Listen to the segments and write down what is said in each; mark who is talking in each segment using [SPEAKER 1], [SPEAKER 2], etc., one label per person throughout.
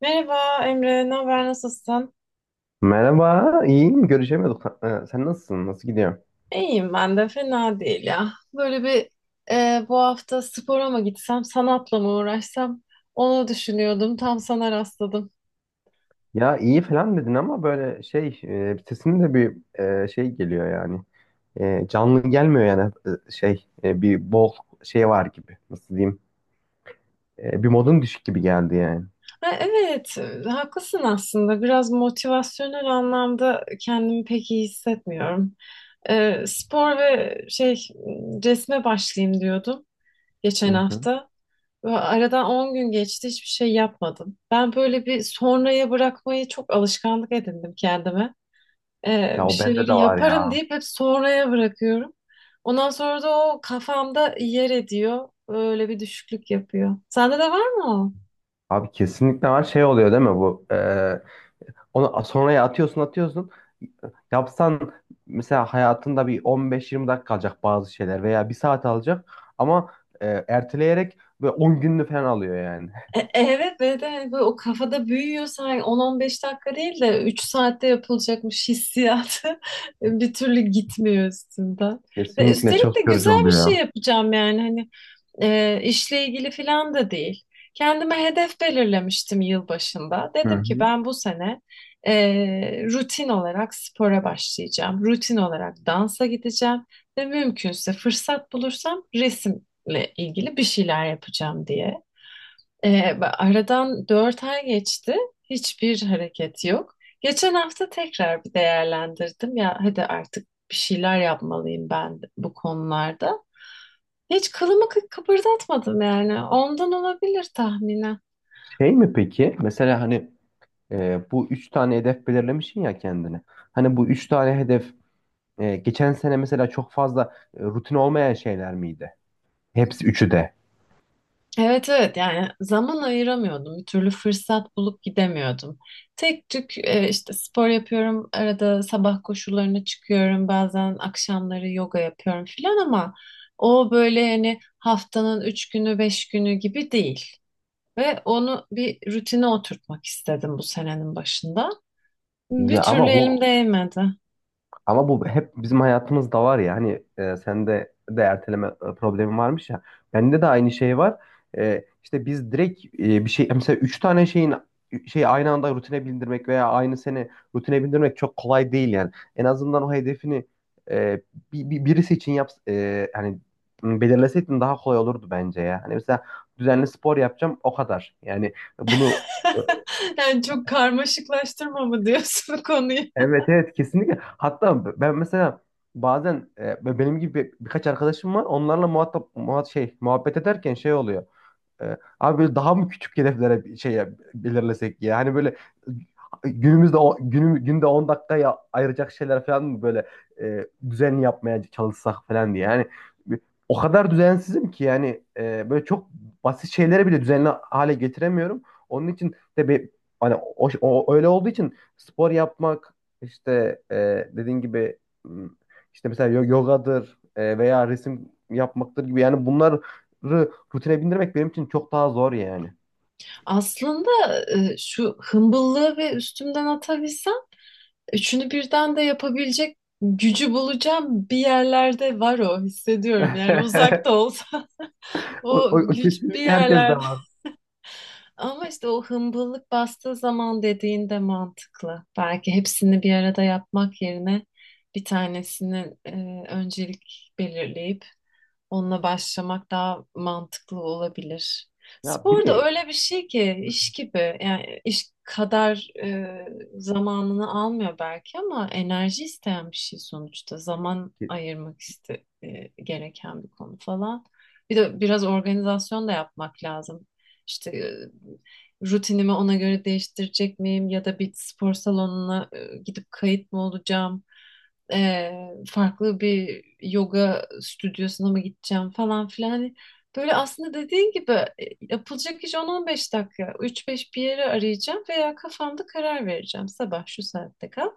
[SPEAKER 1] Merhaba Emre, ne haber, nasılsın?
[SPEAKER 2] Merhaba, iyiyim. Görüşemiyorduk. Ha, sen nasılsın? Nasıl gidiyor?
[SPEAKER 1] İyiyim ben de, fena değil ya. Böyle bir bu hafta spora mı gitsem, sanatla mı uğraşsam onu düşünüyordum, tam sana rastladım.
[SPEAKER 2] Ya iyi falan dedin ama böyle şey, sesin de bir şey geliyor yani. Canlı gelmiyor yani. Şey, bir bol şey var gibi. Nasıl diyeyim? Bir modun düşük gibi geldi yani.
[SPEAKER 1] Ha, evet, haklısın aslında. Biraz motivasyonel anlamda kendimi pek iyi hissetmiyorum. Spor ve şey resme başlayayım diyordum geçen
[SPEAKER 2] Hı hı.
[SPEAKER 1] hafta. Ve aradan 10 gün geçti, hiçbir şey yapmadım. Ben böyle bir sonraya bırakmayı çok alışkanlık edindim kendime.
[SPEAKER 2] Ya
[SPEAKER 1] Bir
[SPEAKER 2] o bende de
[SPEAKER 1] şeyleri
[SPEAKER 2] var
[SPEAKER 1] yaparım
[SPEAKER 2] ya.
[SPEAKER 1] deyip hep sonraya bırakıyorum. Ondan sonra da o kafamda yer ediyor. Öyle bir düşüklük yapıyor. Sende de var mı o?
[SPEAKER 2] Abi kesinlikle var. Şey oluyor değil mi bu? Onu sonraya atıyorsun atıyorsun. Yapsan mesela hayatında bir 15-20 dakika kalacak bazı şeyler veya bir saat alacak ama erteleyerek ve 10 gününü falan alıyor yani.
[SPEAKER 1] Evet ve de hani böyle o kafada büyüyor sanki 10-15 dakika değil de 3 saatte yapılacakmış hissiyatı bir türlü gitmiyor üstünden. Ve
[SPEAKER 2] Kesinlikle
[SPEAKER 1] üstelik de
[SPEAKER 2] çok yorucu
[SPEAKER 1] güzel bir şey
[SPEAKER 2] oluyor.
[SPEAKER 1] yapacağım yani hani işle ilgili filan da değil. Kendime hedef belirlemiştim yılbaşında.
[SPEAKER 2] Hı
[SPEAKER 1] Dedim ki
[SPEAKER 2] hı.
[SPEAKER 1] ben bu sene e, rutin olarak spora başlayacağım. Rutin olarak dansa gideceğim ve mümkünse fırsat bulursam resimle ilgili bir şeyler yapacağım diye. E, aradan 4 ay geçti. Hiçbir hareket yok. Geçen hafta tekrar bir değerlendirdim ya hadi artık bir şeyler yapmalıyım ben bu konularda. Hiç kılımı kıpırdatmadım yani. Ondan olabilir tahminen.
[SPEAKER 2] Şey mi peki? Mesela hani bu üç tane hedef belirlemişsin ya kendine. Hani bu üç tane hedef geçen sene mesela çok fazla rutin olmayan şeyler miydi? Hepsi üçü de.
[SPEAKER 1] Evet evet yani zaman ayıramıyordum. Bir türlü fırsat bulup gidemiyordum. Tek tük işte spor yapıyorum. Arada sabah koşularına çıkıyorum. Bazen akşamları yoga yapıyorum filan ama o böyle yani haftanın üç günü beş günü gibi değil. Ve onu bir rutine oturtmak istedim bu senenin başında. Bir
[SPEAKER 2] Ya
[SPEAKER 1] türlü
[SPEAKER 2] ama
[SPEAKER 1] elim
[SPEAKER 2] bu
[SPEAKER 1] değmedi.
[SPEAKER 2] Ama bu hep bizim hayatımızda var ya hani, sende de erteleme problemi varmış ya. Bende de aynı şey var. İşte biz direkt bir şey, mesela üç tane şeyin şey aynı anda rutine bindirmek veya aynı sene rutine bindirmek çok kolay değil yani. En azından o hedefini e, birisi için yap, hani belirleseydin daha kolay olurdu bence ya. Hani mesela düzenli spor yapacağım, o kadar. Yani bunu e,
[SPEAKER 1] Yani çok karmaşıklaştırma mı diyorsun konuyu?
[SPEAKER 2] Evet, evet, kesinlikle. Hatta ben mesela bazen benim gibi birkaç arkadaşım var. Onlarla muhatap muhat şey muhabbet ederken şey oluyor. Abi, böyle daha mı küçük hedeflere bir şey belirlesek ya? Hani böyle günümüzde günde 10 dakikaya ayıracak şeyler falan mı böyle düzenli yapmaya çalışsak falan diye. Yani o kadar düzensizim ki, yani böyle çok basit şeyleri bile düzenli hale getiremiyorum. Onun için de bir hani öyle olduğu için spor yapmak, işte dediğin gibi m, işte mesela yogadır veya resim yapmaktır gibi, yani bunlar rutine bindirmek benim için çok daha zor yani.
[SPEAKER 1] Aslında şu hımbıllığı ve üstümden atabilsem üçünü birden de yapabilecek gücü bulacağım bir yerlerde var o hissediyorum yani uzak da olsa
[SPEAKER 2] O,
[SPEAKER 1] o
[SPEAKER 2] o- o
[SPEAKER 1] güç bir
[SPEAKER 2] kesinlikle herkes de
[SPEAKER 1] yerlerde
[SPEAKER 2] var.
[SPEAKER 1] ama işte o hımbıllık bastığı zaman dediğin de mantıklı belki hepsini bir arada yapmak yerine bir tanesini öncelik belirleyip onunla başlamak daha mantıklı olabilir.
[SPEAKER 2] Ya bir
[SPEAKER 1] Spor da
[SPEAKER 2] de
[SPEAKER 1] öyle bir şey ki iş gibi yani iş kadar zamanını almıyor belki ama enerji isteyen bir şey sonuçta zaman
[SPEAKER 2] ki-
[SPEAKER 1] ayırmak gereken bir konu falan. Bir de biraz organizasyon da yapmak lazım. İşte rutinimi ona göre değiştirecek miyim ya da bir spor salonuna gidip kayıt mı olacağım? e, farklı bir yoga stüdyosuna mı gideceğim falan filan. Hani böyle aslında dediğin gibi yapılacak iş 10-15 dakika. Üç beş bir yere arayacağım veya kafamda karar vereceğim. Sabah şu saatte kal,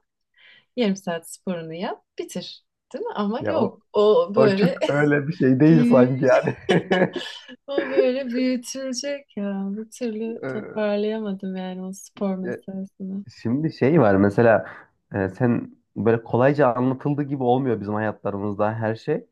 [SPEAKER 1] yarım saat sporunu yap, bitir. Değil mi? Ama
[SPEAKER 2] Ya
[SPEAKER 1] yok.
[SPEAKER 2] o,
[SPEAKER 1] O
[SPEAKER 2] o çok
[SPEAKER 1] böyle
[SPEAKER 2] öyle bir şey değil
[SPEAKER 1] büyü-
[SPEAKER 2] sanki yani.
[SPEAKER 1] o böyle büyütülecek ya. Bir türlü
[SPEAKER 2] Ee,
[SPEAKER 1] toparlayamadım yani o spor
[SPEAKER 2] Ya
[SPEAKER 1] meselesini.
[SPEAKER 2] şimdi şey var mesela, sen böyle kolayca anlatıldığı gibi olmuyor bizim hayatlarımızda her şey.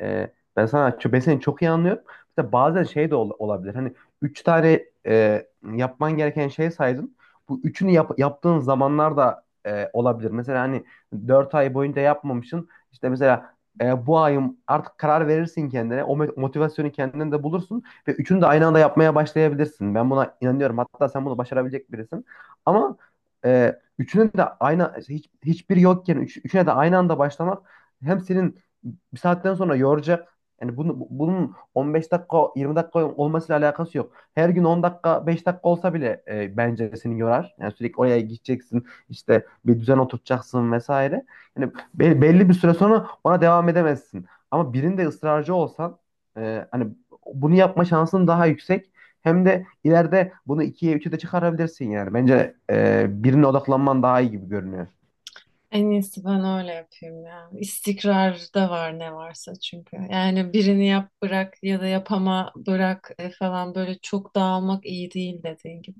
[SPEAKER 2] E, Ben seni çok iyi anlıyorum. Mesela bazen şey de olabilir. Hani, üç tane yapman gereken şey saydın. Bu üçünü yaptığın zamanlar da olabilir. Mesela hani, 4 ay boyunca yapmamışsın. İşte mesela, bu ayım, artık karar verirsin kendine. O motivasyonu kendinde de bulursun. Ve üçünü de aynı anda yapmaya başlayabilirsin. Ben buna inanıyorum. Hatta sen bunu başarabilecek birisin. Ama üçünün de aynı hiçbiri yokken, üçüne de aynı anda başlamak hem senin bir saatten sonra yoracak. Yani bunun 15 dakika 20 dakika olmasıyla alakası yok. Her gün 10 dakika 5 dakika olsa bile bence seni yorar. Yani sürekli oraya gideceksin, işte bir düzen oturtacaksın vesaire. Yani belli bir süre sonra ona devam edemezsin. Ama birinde ısrarcı olsan, hani, bunu yapma şansın daha yüksek. Hem de ileride bunu ikiye üçe de çıkarabilirsin yani. Bence birine odaklanman daha iyi gibi görünüyor.
[SPEAKER 1] En iyisi ben öyle yapayım ya. İstikrarda var ne varsa çünkü. Yani birini yap bırak ya da yapama bırak falan böyle çok dağılmak iyi değil dediğin gibi.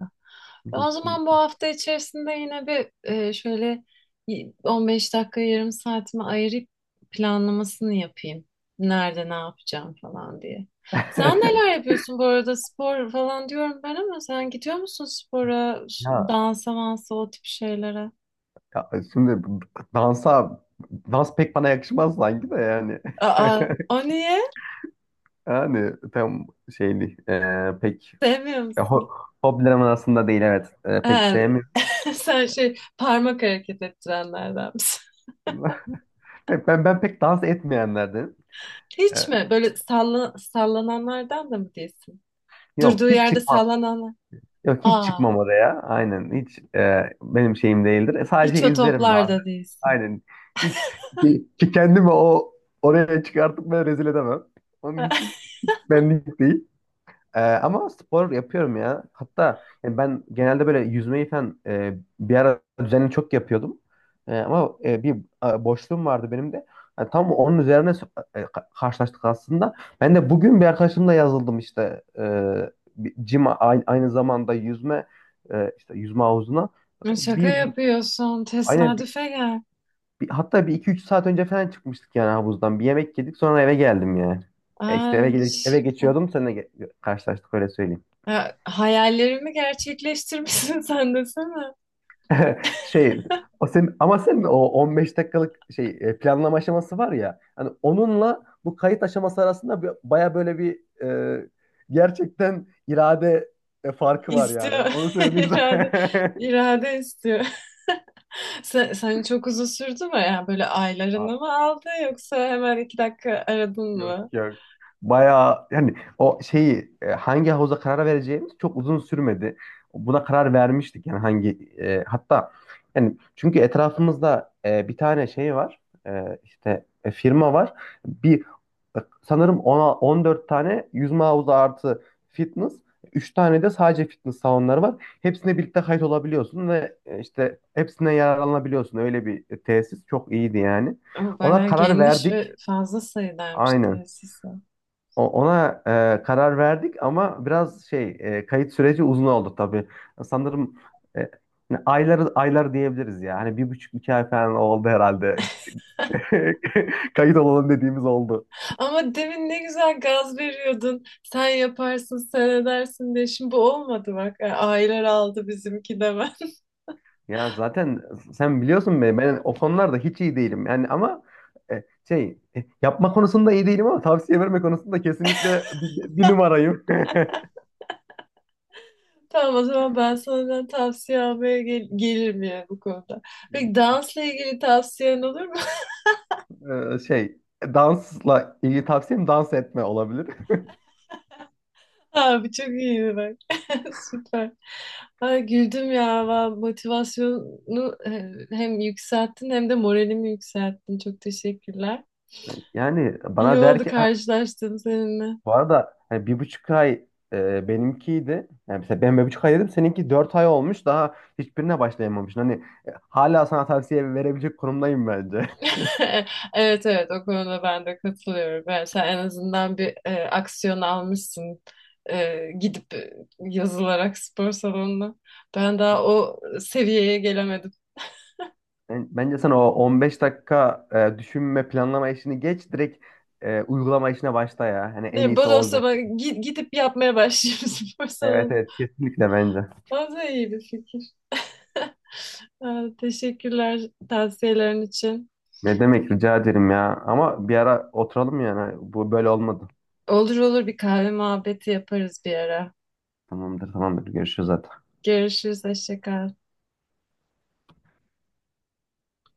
[SPEAKER 1] Ben o zaman bu
[SPEAKER 2] Kesinlikle.
[SPEAKER 1] hafta içerisinde yine bir şöyle 15 dakika yarım saatimi ayırıp planlamasını yapayım. Nerede ne yapacağım falan diye. Sen neler yapıyorsun bu arada spor falan diyorum ben ama sen gidiyor musun spora,
[SPEAKER 2] Ya
[SPEAKER 1] dansa mansa o tip şeylere?
[SPEAKER 2] Ya şimdi dansa dans pek bana yakışmaz sanki de yani.
[SPEAKER 1] Aa, o niye?
[SPEAKER 2] Yani tam şey değil. Pek
[SPEAKER 1] Sevmiyor
[SPEAKER 2] e, ho
[SPEAKER 1] musun?
[SPEAKER 2] hobilerim arasında değil, evet. Pek
[SPEAKER 1] Ha,
[SPEAKER 2] sevmiyorum.
[SPEAKER 1] sen şey parmak hareket ettirenlerden misin?
[SPEAKER 2] Ben pek dans etmeyenlerdenim.
[SPEAKER 1] Hiç
[SPEAKER 2] Ee,
[SPEAKER 1] mi? Böyle salla, sallananlardan da mı değilsin?
[SPEAKER 2] Yok,
[SPEAKER 1] Durduğu
[SPEAKER 2] hiç
[SPEAKER 1] yerde
[SPEAKER 2] çıkmam.
[SPEAKER 1] sallananlar.
[SPEAKER 2] Yok, hiç
[SPEAKER 1] Aa,
[SPEAKER 2] çıkmam oraya. Aynen, hiç benim şeyim değildir.
[SPEAKER 1] hiç
[SPEAKER 2] Sadece
[SPEAKER 1] o
[SPEAKER 2] izlerim bazen.
[SPEAKER 1] toplarda değilsin.
[SPEAKER 2] Aynen. Hiç ki kendimi oraya çıkartıp ben rezil edemem. Onun için benlik değil. Ama spor yapıyorum ya. Hatta yani ben genelde böyle yüzmeyi falan, bir ara düzenli çok yapıyordum. Ama bir boşluğum vardı benim de. Yani tam onun üzerine karşılaştık aslında. Ben de bugün bir arkadaşımla yazıldım işte. Bir gym, aynı zamanda yüzme, işte yüzme havuzuna.
[SPEAKER 1] Şaka
[SPEAKER 2] Bir
[SPEAKER 1] yapıyorsun.
[SPEAKER 2] aynen,
[SPEAKER 1] Tesadüfe gel.
[SPEAKER 2] hatta bir iki üç saat önce falan çıkmıştık yani havuzdan. Bir yemek yedik, sonra eve geldim yani. İşte
[SPEAKER 1] Aa,
[SPEAKER 2] eve geçiyordum, seninle karşılaştık, öyle söyleyeyim.
[SPEAKER 1] ha, hayallerimi gerçekleştirmişsin sen desene.
[SPEAKER 2] Şey Ama sen o 15 dakikalık şey, planlama aşaması var ya hani, onunla bu kayıt aşaması arasında baya böyle bir, e, gerçekten irade farkı var yani.
[SPEAKER 1] İstiyor.
[SPEAKER 2] Onu söyleyeyim
[SPEAKER 1] İrade,
[SPEAKER 2] sana.
[SPEAKER 1] irade istiyor. Sen çok uzun sürdü mü? Yani böyle aylarını mı aldı yoksa hemen 2 dakika aradın
[SPEAKER 2] Yok,
[SPEAKER 1] mı?
[SPEAKER 2] yok. Bayağı yani o şeyi, hangi havuza karar vereceğimiz çok uzun sürmedi. Buna karar vermiştik yani, hatta yani, çünkü etrafımızda bir tane şey var. İşte firma var. Bir Sanırım ona 14 tane yüzme havuzu artı fitness, 3 tane de sadece fitness salonları var. Hepsine birlikte kayıt olabiliyorsun ve işte hepsine yararlanabiliyorsun. Öyle bir tesis, çok iyiydi yani.
[SPEAKER 1] O
[SPEAKER 2] Ona
[SPEAKER 1] bayağı
[SPEAKER 2] karar
[SPEAKER 1] geniş ve
[SPEAKER 2] verdik.
[SPEAKER 1] fazla sayılarmış
[SPEAKER 2] Aynen.
[SPEAKER 1] tesisi.
[SPEAKER 2] Ona karar verdik ama biraz kayıt süreci uzun oldu tabii. Sanırım e, aylar aylar diyebiliriz ya. Hani bir buçuk iki ay falan oldu herhalde. Kayıt olalım dediğimiz. Oldu.
[SPEAKER 1] Ama demin ne güzel gaz veriyordun. Sen yaparsın, sen edersin diye. Şimdi bu olmadı bak. Yani aylar aldı bizimki de ben.
[SPEAKER 2] Ya zaten sen biliyorsun beni, ben o konularda hiç iyi değilim. Yani ama yapma konusunda iyi değilim ama tavsiye verme konusunda kesinlikle bir numarayım.
[SPEAKER 1] Tamam o zaman ben senden tavsiye almaya gelirim yani bu konuda. Peki dansla ilgili tavsiyen olur mu?
[SPEAKER 2] E, şey Dansla ilgili tavsiyem, dans etme olabilir.
[SPEAKER 1] Abi çok iyiydi bak. Süper. Ay, güldüm ya. Motivasyonu hem yükselttin hem de moralimi yükselttin. Çok teşekkürler.
[SPEAKER 2] Yani
[SPEAKER 1] İyi
[SPEAKER 2] bana der
[SPEAKER 1] oldu
[SPEAKER 2] ki
[SPEAKER 1] karşılaştığım seninle.
[SPEAKER 2] Bu arada hani bir buçuk ay benimkiydi. Yani mesela ben bir buçuk ay dedim. Seninki 4 ay olmuş. Daha hiçbirine başlayamamışsın. Hani hala sana tavsiye verebilecek konumdayım bence.
[SPEAKER 1] Evet evet o konuda ben de katılıyorum. Yani sen en azından bir aksiyon almışsın. Gidip yazılarak spor salonuna. Ben daha o seviyeye gelemedim.
[SPEAKER 2] Bence sen o 15 dakika düşünme, planlama işini geç. Direkt uygulama işine başla ya. Hani
[SPEAKER 1] Ne,
[SPEAKER 2] en iyisi o
[SPEAKER 1] bodoslama
[SPEAKER 2] olacak gibi.
[SPEAKER 1] gidip yapmaya başlayayım spor
[SPEAKER 2] Evet,
[SPEAKER 1] salonuna.
[SPEAKER 2] evet, kesinlikle bence.
[SPEAKER 1] O da iyi bir fikir. Teşekkürler tavsiyelerin için.
[SPEAKER 2] Ne demek, rica ederim ya. Ama bir ara oturalım yani. Bu böyle olmadı.
[SPEAKER 1] Olur olur bir kahve muhabbeti yaparız bir ara.
[SPEAKER 2] Tamamdır, tamamdır. Görüşürüz zaten.
[SPEAKER 1] Görüşürüz, hoşça kal.